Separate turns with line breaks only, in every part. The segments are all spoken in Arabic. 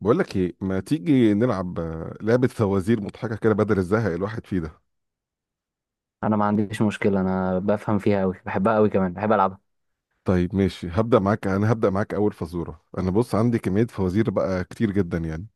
بقول لك ايه، ما تيجي نلعب لعبة فوازير مضحكة كده بدل الزهق الواحد فيه ده؟
انا ما عنديش مشكله. انا بفهم فيها قوي، بحبها قوي، كمان بحب العبها.
طيب ماشي، هبدأ معاك. اول فزورة، انا بص عندي كمية فوازير بقى كتير جدا يعني.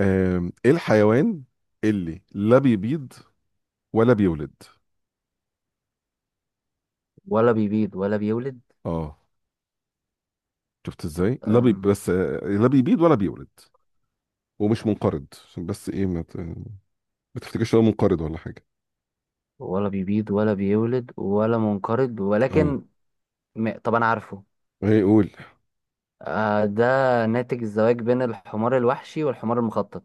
ايه الحيوان اللي لا بيبيض ولا بيولد؟
ولا بيبيض ولا بيولد.
اه، شفت ازاي؟ لا بي
أم.
بس آه، لا بيبيض ولا بيولد، ومش منقرض عشان بس ايه، ما تفتكرش إن هو منقرض ولا حاجة.
ولا بيبيض ولا بيولد ولا منقرض،
اه،
ولكن طب انا عارفه.
ايه قول.
آه، ده ناتج الزواج بين الحمار الوحشي والحمار المخطط.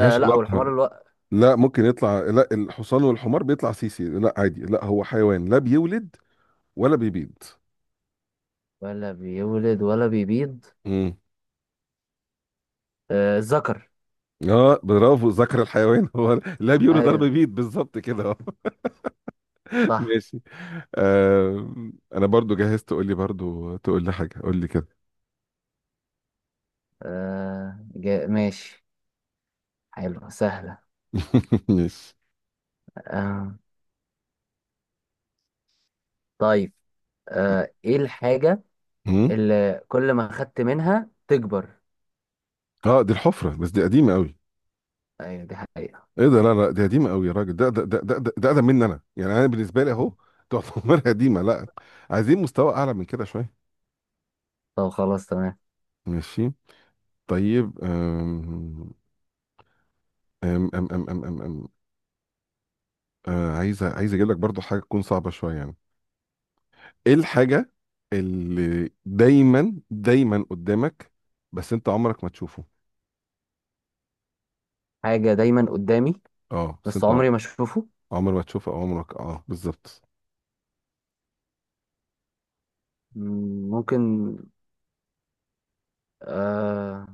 آه لا،
علاقة. لا، ممكن يطلع؟ لا، الحصان والحمار بيطلع سيسي، لا عادي، لا هو حيوان لا بيولد ولا بيبيض.
ولا بيولد ولا بيبيض.
امم،
آه، الذكر.
اه برافو، ذكر الحيوان هو لا بيولد ولا
ايوه
بيبيض بالظبط كده آه.
صح.
ماشي. آه، انا برضو جهزت. تقول لي برضو، تقول لي حاجه قول لي كده.
ماشي، حلو، سهله.
ماشي.
آه طيب. ايه الحاجه
مم.
اللي كل ما خدت منها تكبر؟
اه دي الحفره، بس دي قديمه قوي.
ايوه، دي حقيقة.
ايه ده، لا لا، دي قديمه قوي يا راجل، ده اقدم مني انا يعني. انا بالنسبه لي اهو تعتبر قديمه. لا، عايزين مستوى اعلى من كده شويه.
طب خلاص، تمام.
ماشي. طيب أم أم أم أم أم أم أم. آه، عايز اجيب لك برضو حاجه تكون صعبه شويه يعني. ايه الحاجه اللي دايما قدامك بس انت عمرك ما تشوفه؟
حاجة دايما قدامي
اه،
بس عمري ما اشوفه.
عمر ما تشوفه او عمرك، اه بالظبط.
مم، ممكن. آه...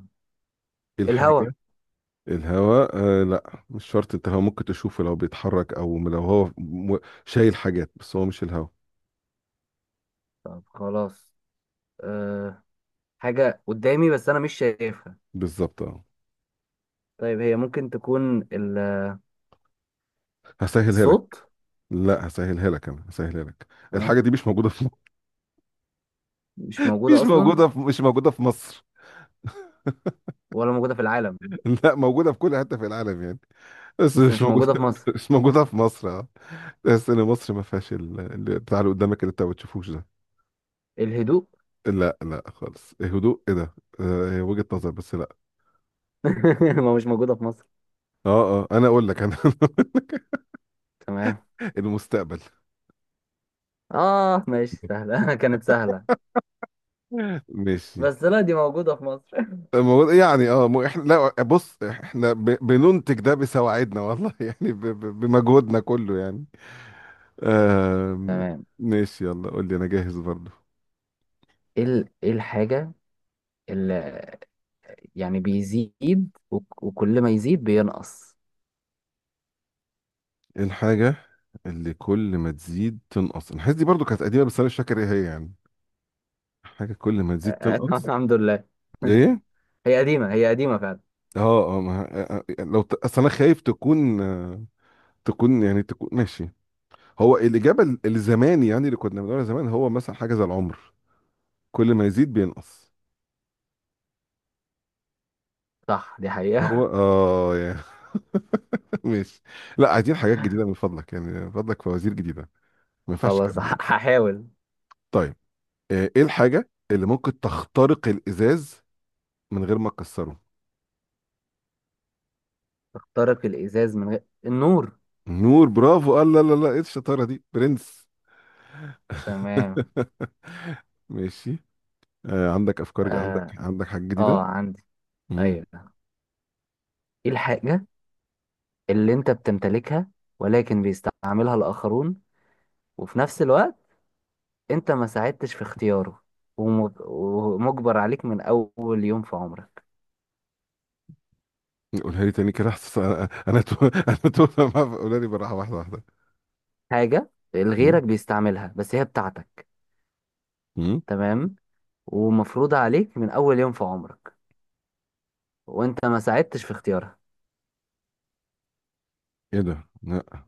ايه
الهوا.
الحاجه؟ الهواء؟ آه لا، مش شرط، انت هو ممكن تشوفه لو بيتحرك او لو هو شايل حاجات، بس هو مش الهواء.
طب خلاص. آه... حاجة قدامي بس انا مش شايفها.
بالظبط اه.
طيب، هي ممكن تكون
هسهلها لك.
الصوت.
لا هسهلها لك، الحاجه
آه...
دي مش موجوده في مصر.
مش موجودة
مش
اصلا.
موجوده في مش موجوده في مصر.
ولا موجودة في العالم.
لا، موجودة في كل حتة في العالم يعني، بس
بس
مش
مش موجودة في
موجودة
مصر.
مش موجودة في مصر اه. تحس ان مصر ما فيهاش اللي بتاع، اللي قدامك اللي انت ما بتشوفوش ده.
الهدوء.
لا لا خالص، إيه هدوء؟ ايه ده؟ آه، هي وجهة نظر بس لا.
ما مش موجودة في مصر.
اه اه، انا اقول لك انا
تمام.
المستقبل.
اه ماشي، سهلة. كانت سهلة.
ماشي.
بس لا، دي موجودة في مصر.
يعني اه، احنا لا بص، احنا بننتج ده بسواعدنا والله يعني بمجهودنا كله يعني. آم،
تمام.
ماشي، يلا قول لي انا جاهز برضو.
ايه الحاجة، يعني بيزيد وكل ما يزيد بينقص؟
إيه الحاجة اللي كل ما تزيد تنقص؟ الحاجات دي برضو كانت قديمة، بس انا مش فاكر ايه هي يعني. حاجة كل ما تزيد تنقص،
الحمد لله.
ايه؟
هي قديمة، هي قديمة فعلا.
اه اه، ما آه، آه، اصل انا خايف تكون آه، تكون يعني، تكون ماشي. هو الإجابة الزمان يعني، اللي كنا بنقولها زمان، هو مثلا حاجة زي العمر كل ما يزيد بينقص.
صح، دي
هو
حقيقة.
اه يعني ماشي. لا، عايزين حاجات جديدة من فضلك، يعني من فضلك فوازير جديدة. ما ينفعش
خلاص،
الكلام ده.
هحاول.
طيب آه، ايه الحاجة اللي ممكن تخترق الإزاز من غير ما تكسره؟
اخترق الإزاز من غير النور.
نور، برافو، قال لا لا لا، ايه الشطاره دي برنس!
تمام.
ماشي. آه، عندك افكار عندك
اه
عندك حاجه
اه،
جديده؟
عندي.
مم.
ايوه. ايه الحاجة اللي انت بتمتلكها ولكن بيستعملها الآخرون، وفي نفس الوقت انت ما ساعدتش في اختياره، ومجبر عليك من أول يوم في عمرك.
قولها لي تاني كده، حاسس انا قولها لي بالراحه، واحده واحده.
حاجة
مم.
غيرك بيستعملها بس هي بتاعتك.
مم.
تمام. ومفروضة عليك من أول يوم في عمرك وأنت ما ساعدتش في اختيارها.
ايه ده؟ لا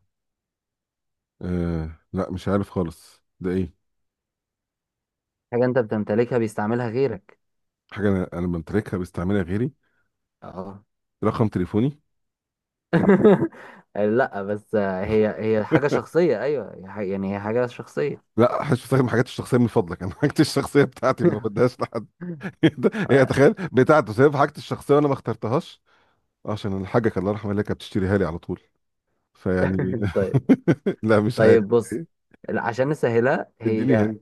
آه لا، مش عارف خالص ده ايه.
حاجة أنت بتمتلكها بيستعملها غيرك.
حاجه انا بمتلكها بستعملها غيري؟
اه.
رقم تليفوني؟
لا، بس هي حاجة شخصية، أيوة يعني هي حاجة شخصية.
لا حش بستخدم حاجاتي الشخصيه من فضلك، انا حاجتي الشخصيه بتاعتي ما بديهاش لحد. إيه ده؟ هي تخيل بتاعته سايب حاجتي الشخصيه وانا ما اخترتهاش عشان الحاجة الله يرحمها اللي كانت بتشتريها لي على طول، فيعني
طيب
لا مش عارف.
طيب، بص
إيه؟
عشان نسهلها
اديني
هي.
هنا.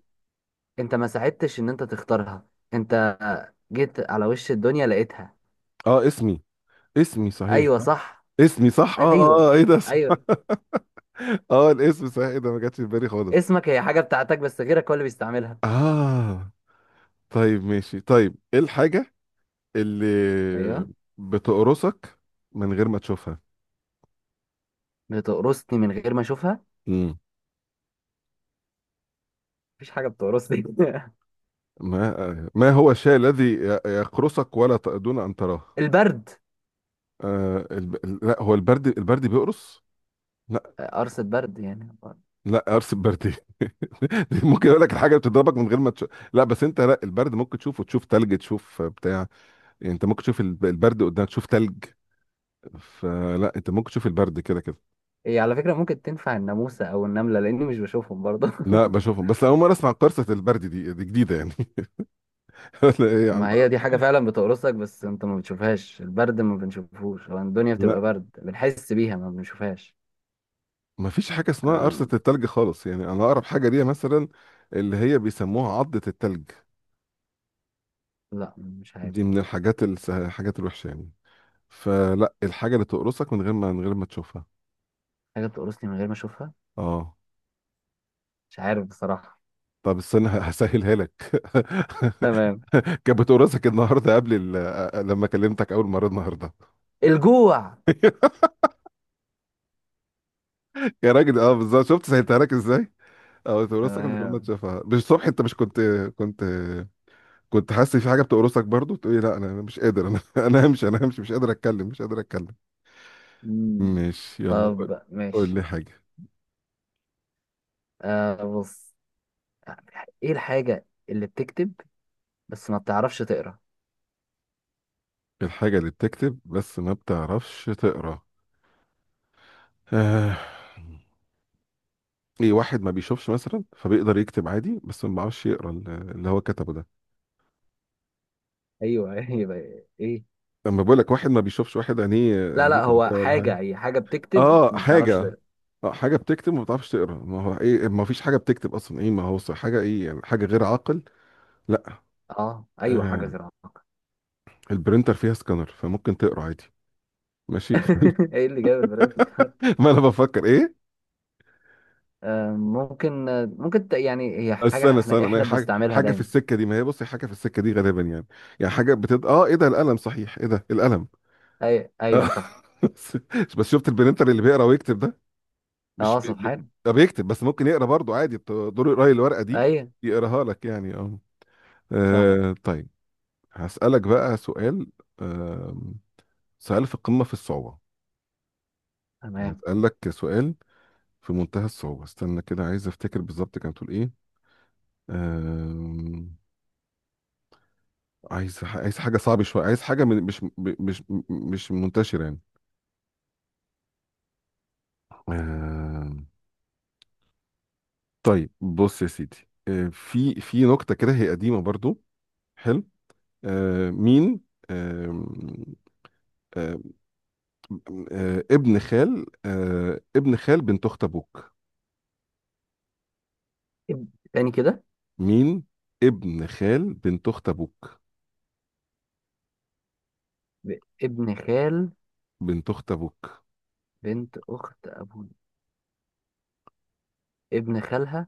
أنت ما ساعدتش إن أنت تختارها. أنت جيت على وش الدنيا لقيتها.
اه، اسمي. اسمي صحيح،
أيوة
صح.
صح.
اسمي صح، اه اه
أيوة،
آه، ايه ده صح.
أيوة،
اه الاسم صحيح، ايه ده، ما جاتش في بالي خالص.
اسمك هي حاجة بتاعتك بس غيرك هو اللي بيستعملها.
اه طيب ماشي. طيب ايه الحاجة اللي
أيوة،
بتقرصك من غير ما تشوفها؟
بتقرصني من غير ما أشوفها؟
مم.
مفيش حاجة بتقرصني.
ما ما هو الشيء الذي يقرصك دون ان تراه؟
البرد.
آه لا هو البرد؟ البرد بيقرص؟ لا.
قرص البرد يعني.
لا قرص البرد، دي ممكن اقول لك الحاجه بتضربك من غير ما تشوف، لا بس انت لا، البرد ممكن تشوفه، تشوف تلج، تشوف بتاع، يعني انت ممكن تشوف البرد قدامك، تشوف تلج، فلا انت ممكن تشوف البرد كده كده.
هي على فكرة ممكن تنفع الناموسة أو النملة، لأني مش بشوفهم برضه.
لا بشوفهم، بس اول مره اسمع قرصه البرد، دي دي جديده يعني. لا ايه يا عم.
ما هي دي حاجة فعلا بتقرصك بس أنت ما بتشوفهاش، البرد ما بنشوفهوش، هو الدنيا
لا
بتبقى برد بنحس بيها ما بنشوفهاش.
ما فيش حاجه اسمها
آه
قرصه التلج خالص، يعني انا اقرب حاجه ليها مثلا اللي هي بيسموها عضه التلج،
لا، مش
دي
عارف.
من الحاجات الحاجات الوحشه يعني. فلا الحاجه اللي تقرصك من غير ما من غير ما تشوفها،
حاجة بتقرصني من غير ما أشوفها،
اه.
مش عارف بصراحة.
طب استنى هسهلها لك.
تمام.
كانت بتقرصك النهارده قبل لما كلمتك اول مره النهارده.
الجوع.
يا راجل اه بالظبط، شفت سهلتها لك ازاي؟ اه بتقرصك من غير ما
تمام.
تشوفها، مش الصبح انت مش كنت، كنت كنت حاسس في حاجه بتقرصك برضو؟ تقولي لا انا مش قادر، انا انا همشي، مش قادر اتكلم،
مم.
ماشي، يلا قول.
طب
قول
ماشي.
لي حاجه.
بص، إيه الحاجة اللي بتكتب بس ما بتعرفش تقرأ؟
الحاجه اللي بتكتب بس ما بتعرفش تقرا؟ آه. ايه، واحد ما بيشوفش مثلا فبيقدر يكتب عادي بس ما بيعرفش يقرا اللي هو كتبه ده؟
ايوه، ايوه. ايه؟
لما بقول لك واحد ما بيشوفش، واحد عينيه
لا
عينيه
لا،
تعبية
هو
ولا حاجه.
حاجه، هي حاجه بتكتب
اه
ما بتعرفش.
حاجه، اه حاجه بتكتب وما بتعرفش تقرا، ما هو ايه، ما فيش حاجه بتكتب اصلا ايه، ما هو صح- حاجه، ايه يعني حاجه غير عاقل. لا
اه ايوه، حاجه
آه،
غيرها.
البرينتر فيها سكانر فممكن تقرا عادي. ماشي
ايه اللي جاب البرنت؟
ما انا بفكر ايه.
ممكن، يعني هي حاجه
استنى
احنا
استنى ما هي
احنا
حاجه،
بنستعملها
حاجه في
دايما.
السكه دي، ما هي بصي حاجه في السكه دي غالبا يعني، يعني حاجه بتد اه ايه ده، القلم صحيح، ايه ده القلم.
أي، ايوه صح.
بس شفت البرينتر اللي بيقرا ويكتب ده؟ مش
اه، سبحان.
ده بيكتب بس ممكن يقرا برضه عادي، دور يقرا الورقه دي،
ايوه
يقراها لك يعني اه.
صح،
آه، طيب. هسألك بقى سؤال، آه سؤال في قمة في الصعوبة، يعني
تمام.
اتقال لك سؤال في منتهى الصعوبة. استنى كده، عايز افتكر بالظبط كانت بتقول ايه. آه، عايز حاجة صعبة شوية، عايز حاجة من مش منتشرة يعني. آه، طيب بص يا سيدي. آه في في نكتة كده هي قديمة برضو. حلو. آه مين. آه، ابن خال بنت اخت ابوك.
إب... تاني كده.
مين؟ ابن خال بنت اخت ابوك.
ابن خال
بنت اخت ابوك.
بنت اخت ابوي، ابن خالها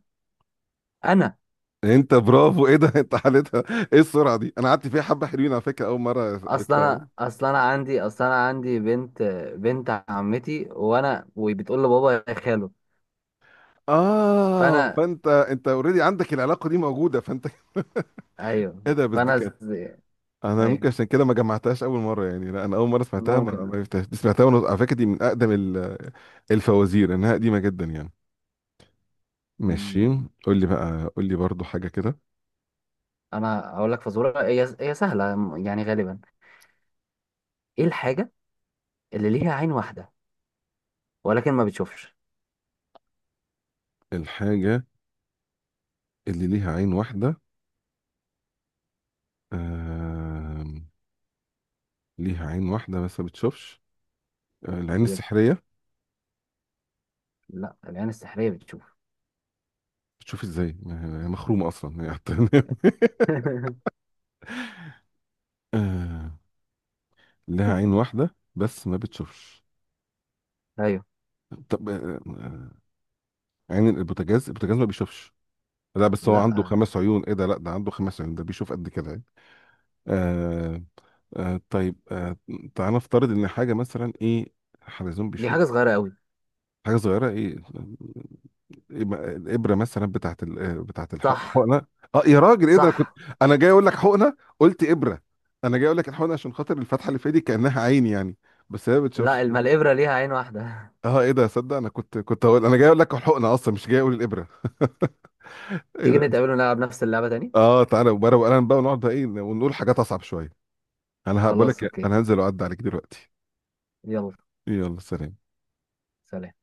انا.
انت، برافو، ايه ده، انت حالتها. ايه السرعه دي، انا قعدت فيها حبه، حلوين على فكره، اول مره
اصلا
عرفتها يعني.
انا اصلا انا عندي اصلا انا عندي بنت عمتي، وانا وبتقول لبابا يا خاله.
اه
فانا.
فانت، انت اوريدي عندك العلاقه دي موجوده، فانت
ايوه.
ايه ده، بس دي
فانا
كانت،
ز...
انا
ايوه،
ممكن عشان كده ما جمعتهاش اول مره يعني. لا انا اول مره سمعتها، ما
ممكن.
عرفتهاش، دي سمعتها، وانا على فكره دي من اقدم الفوازير، انها قديمه جدا يعني.
مم.
ماشي. قول لي بقى، قول لي برضو حاجه كده.
انا اقول لك فزوره، هي سهله يعني غالبا. ايه الحاجه اللي ليها عين واحده ولكن ما بتشوفش؟
الحاجة اللي ليها عين واحدة، آم، ليها عين واحدة بس ما بتشوفش. آه، العين
يب.
السحرية؟
لا، العين السحريه بتشوف.
بتشوف ازاي، ما هي هي مخرومة اصلا هي حتى. آه، لها عين واحدة بس ما بتشوفش.
ايوه.
طب آه، آه، عين البوتاجاز، البوتاجاز ما بيشوفش؟ لا بس هو
لا،
عنده 5 عيون، ايه ده لا، ده عنده 5 عيون، ده بيشوف قد كده يعني. آه آه طيب آه. تعالى نفترض ان حاجة مثلا، ايه، حلزون
دي
بيشوف.
حاجه صغيره قوي.
حاجة صغيرة، ايه؟ يبقى الابره مثلا بتاعت آه، بتاعت
صح.
الحقنه. اه يا راجل ايه ده كنت،
صح.
انا جاي اقول لك حقنه قلت ابره، انا جاي اقول لك الحقنه عشان خاطر الفتحه اللي في ايدي كانها عين يعني، بس هي ما
لا،
بتشوفش.
الابره ليها عين واحده.
اه ايه ده، صدق انا كنت، هقول، انا جاي اقول لك الحقنه اصلا، مش جاي اقول الابره. ايه
تيجي
ده.
نتقابل ونلعب نفس اللعبه تاني.
اه تعالى وبره وقلم بقى، ونقعد بقى ايه ونقول حاجات اصعب شويه. انا هقول لك
خلاص،
إيه،
اوكي.
انا هنزل واعدي عليك دلوقتي.
يلا
يلا سلام.
سلام.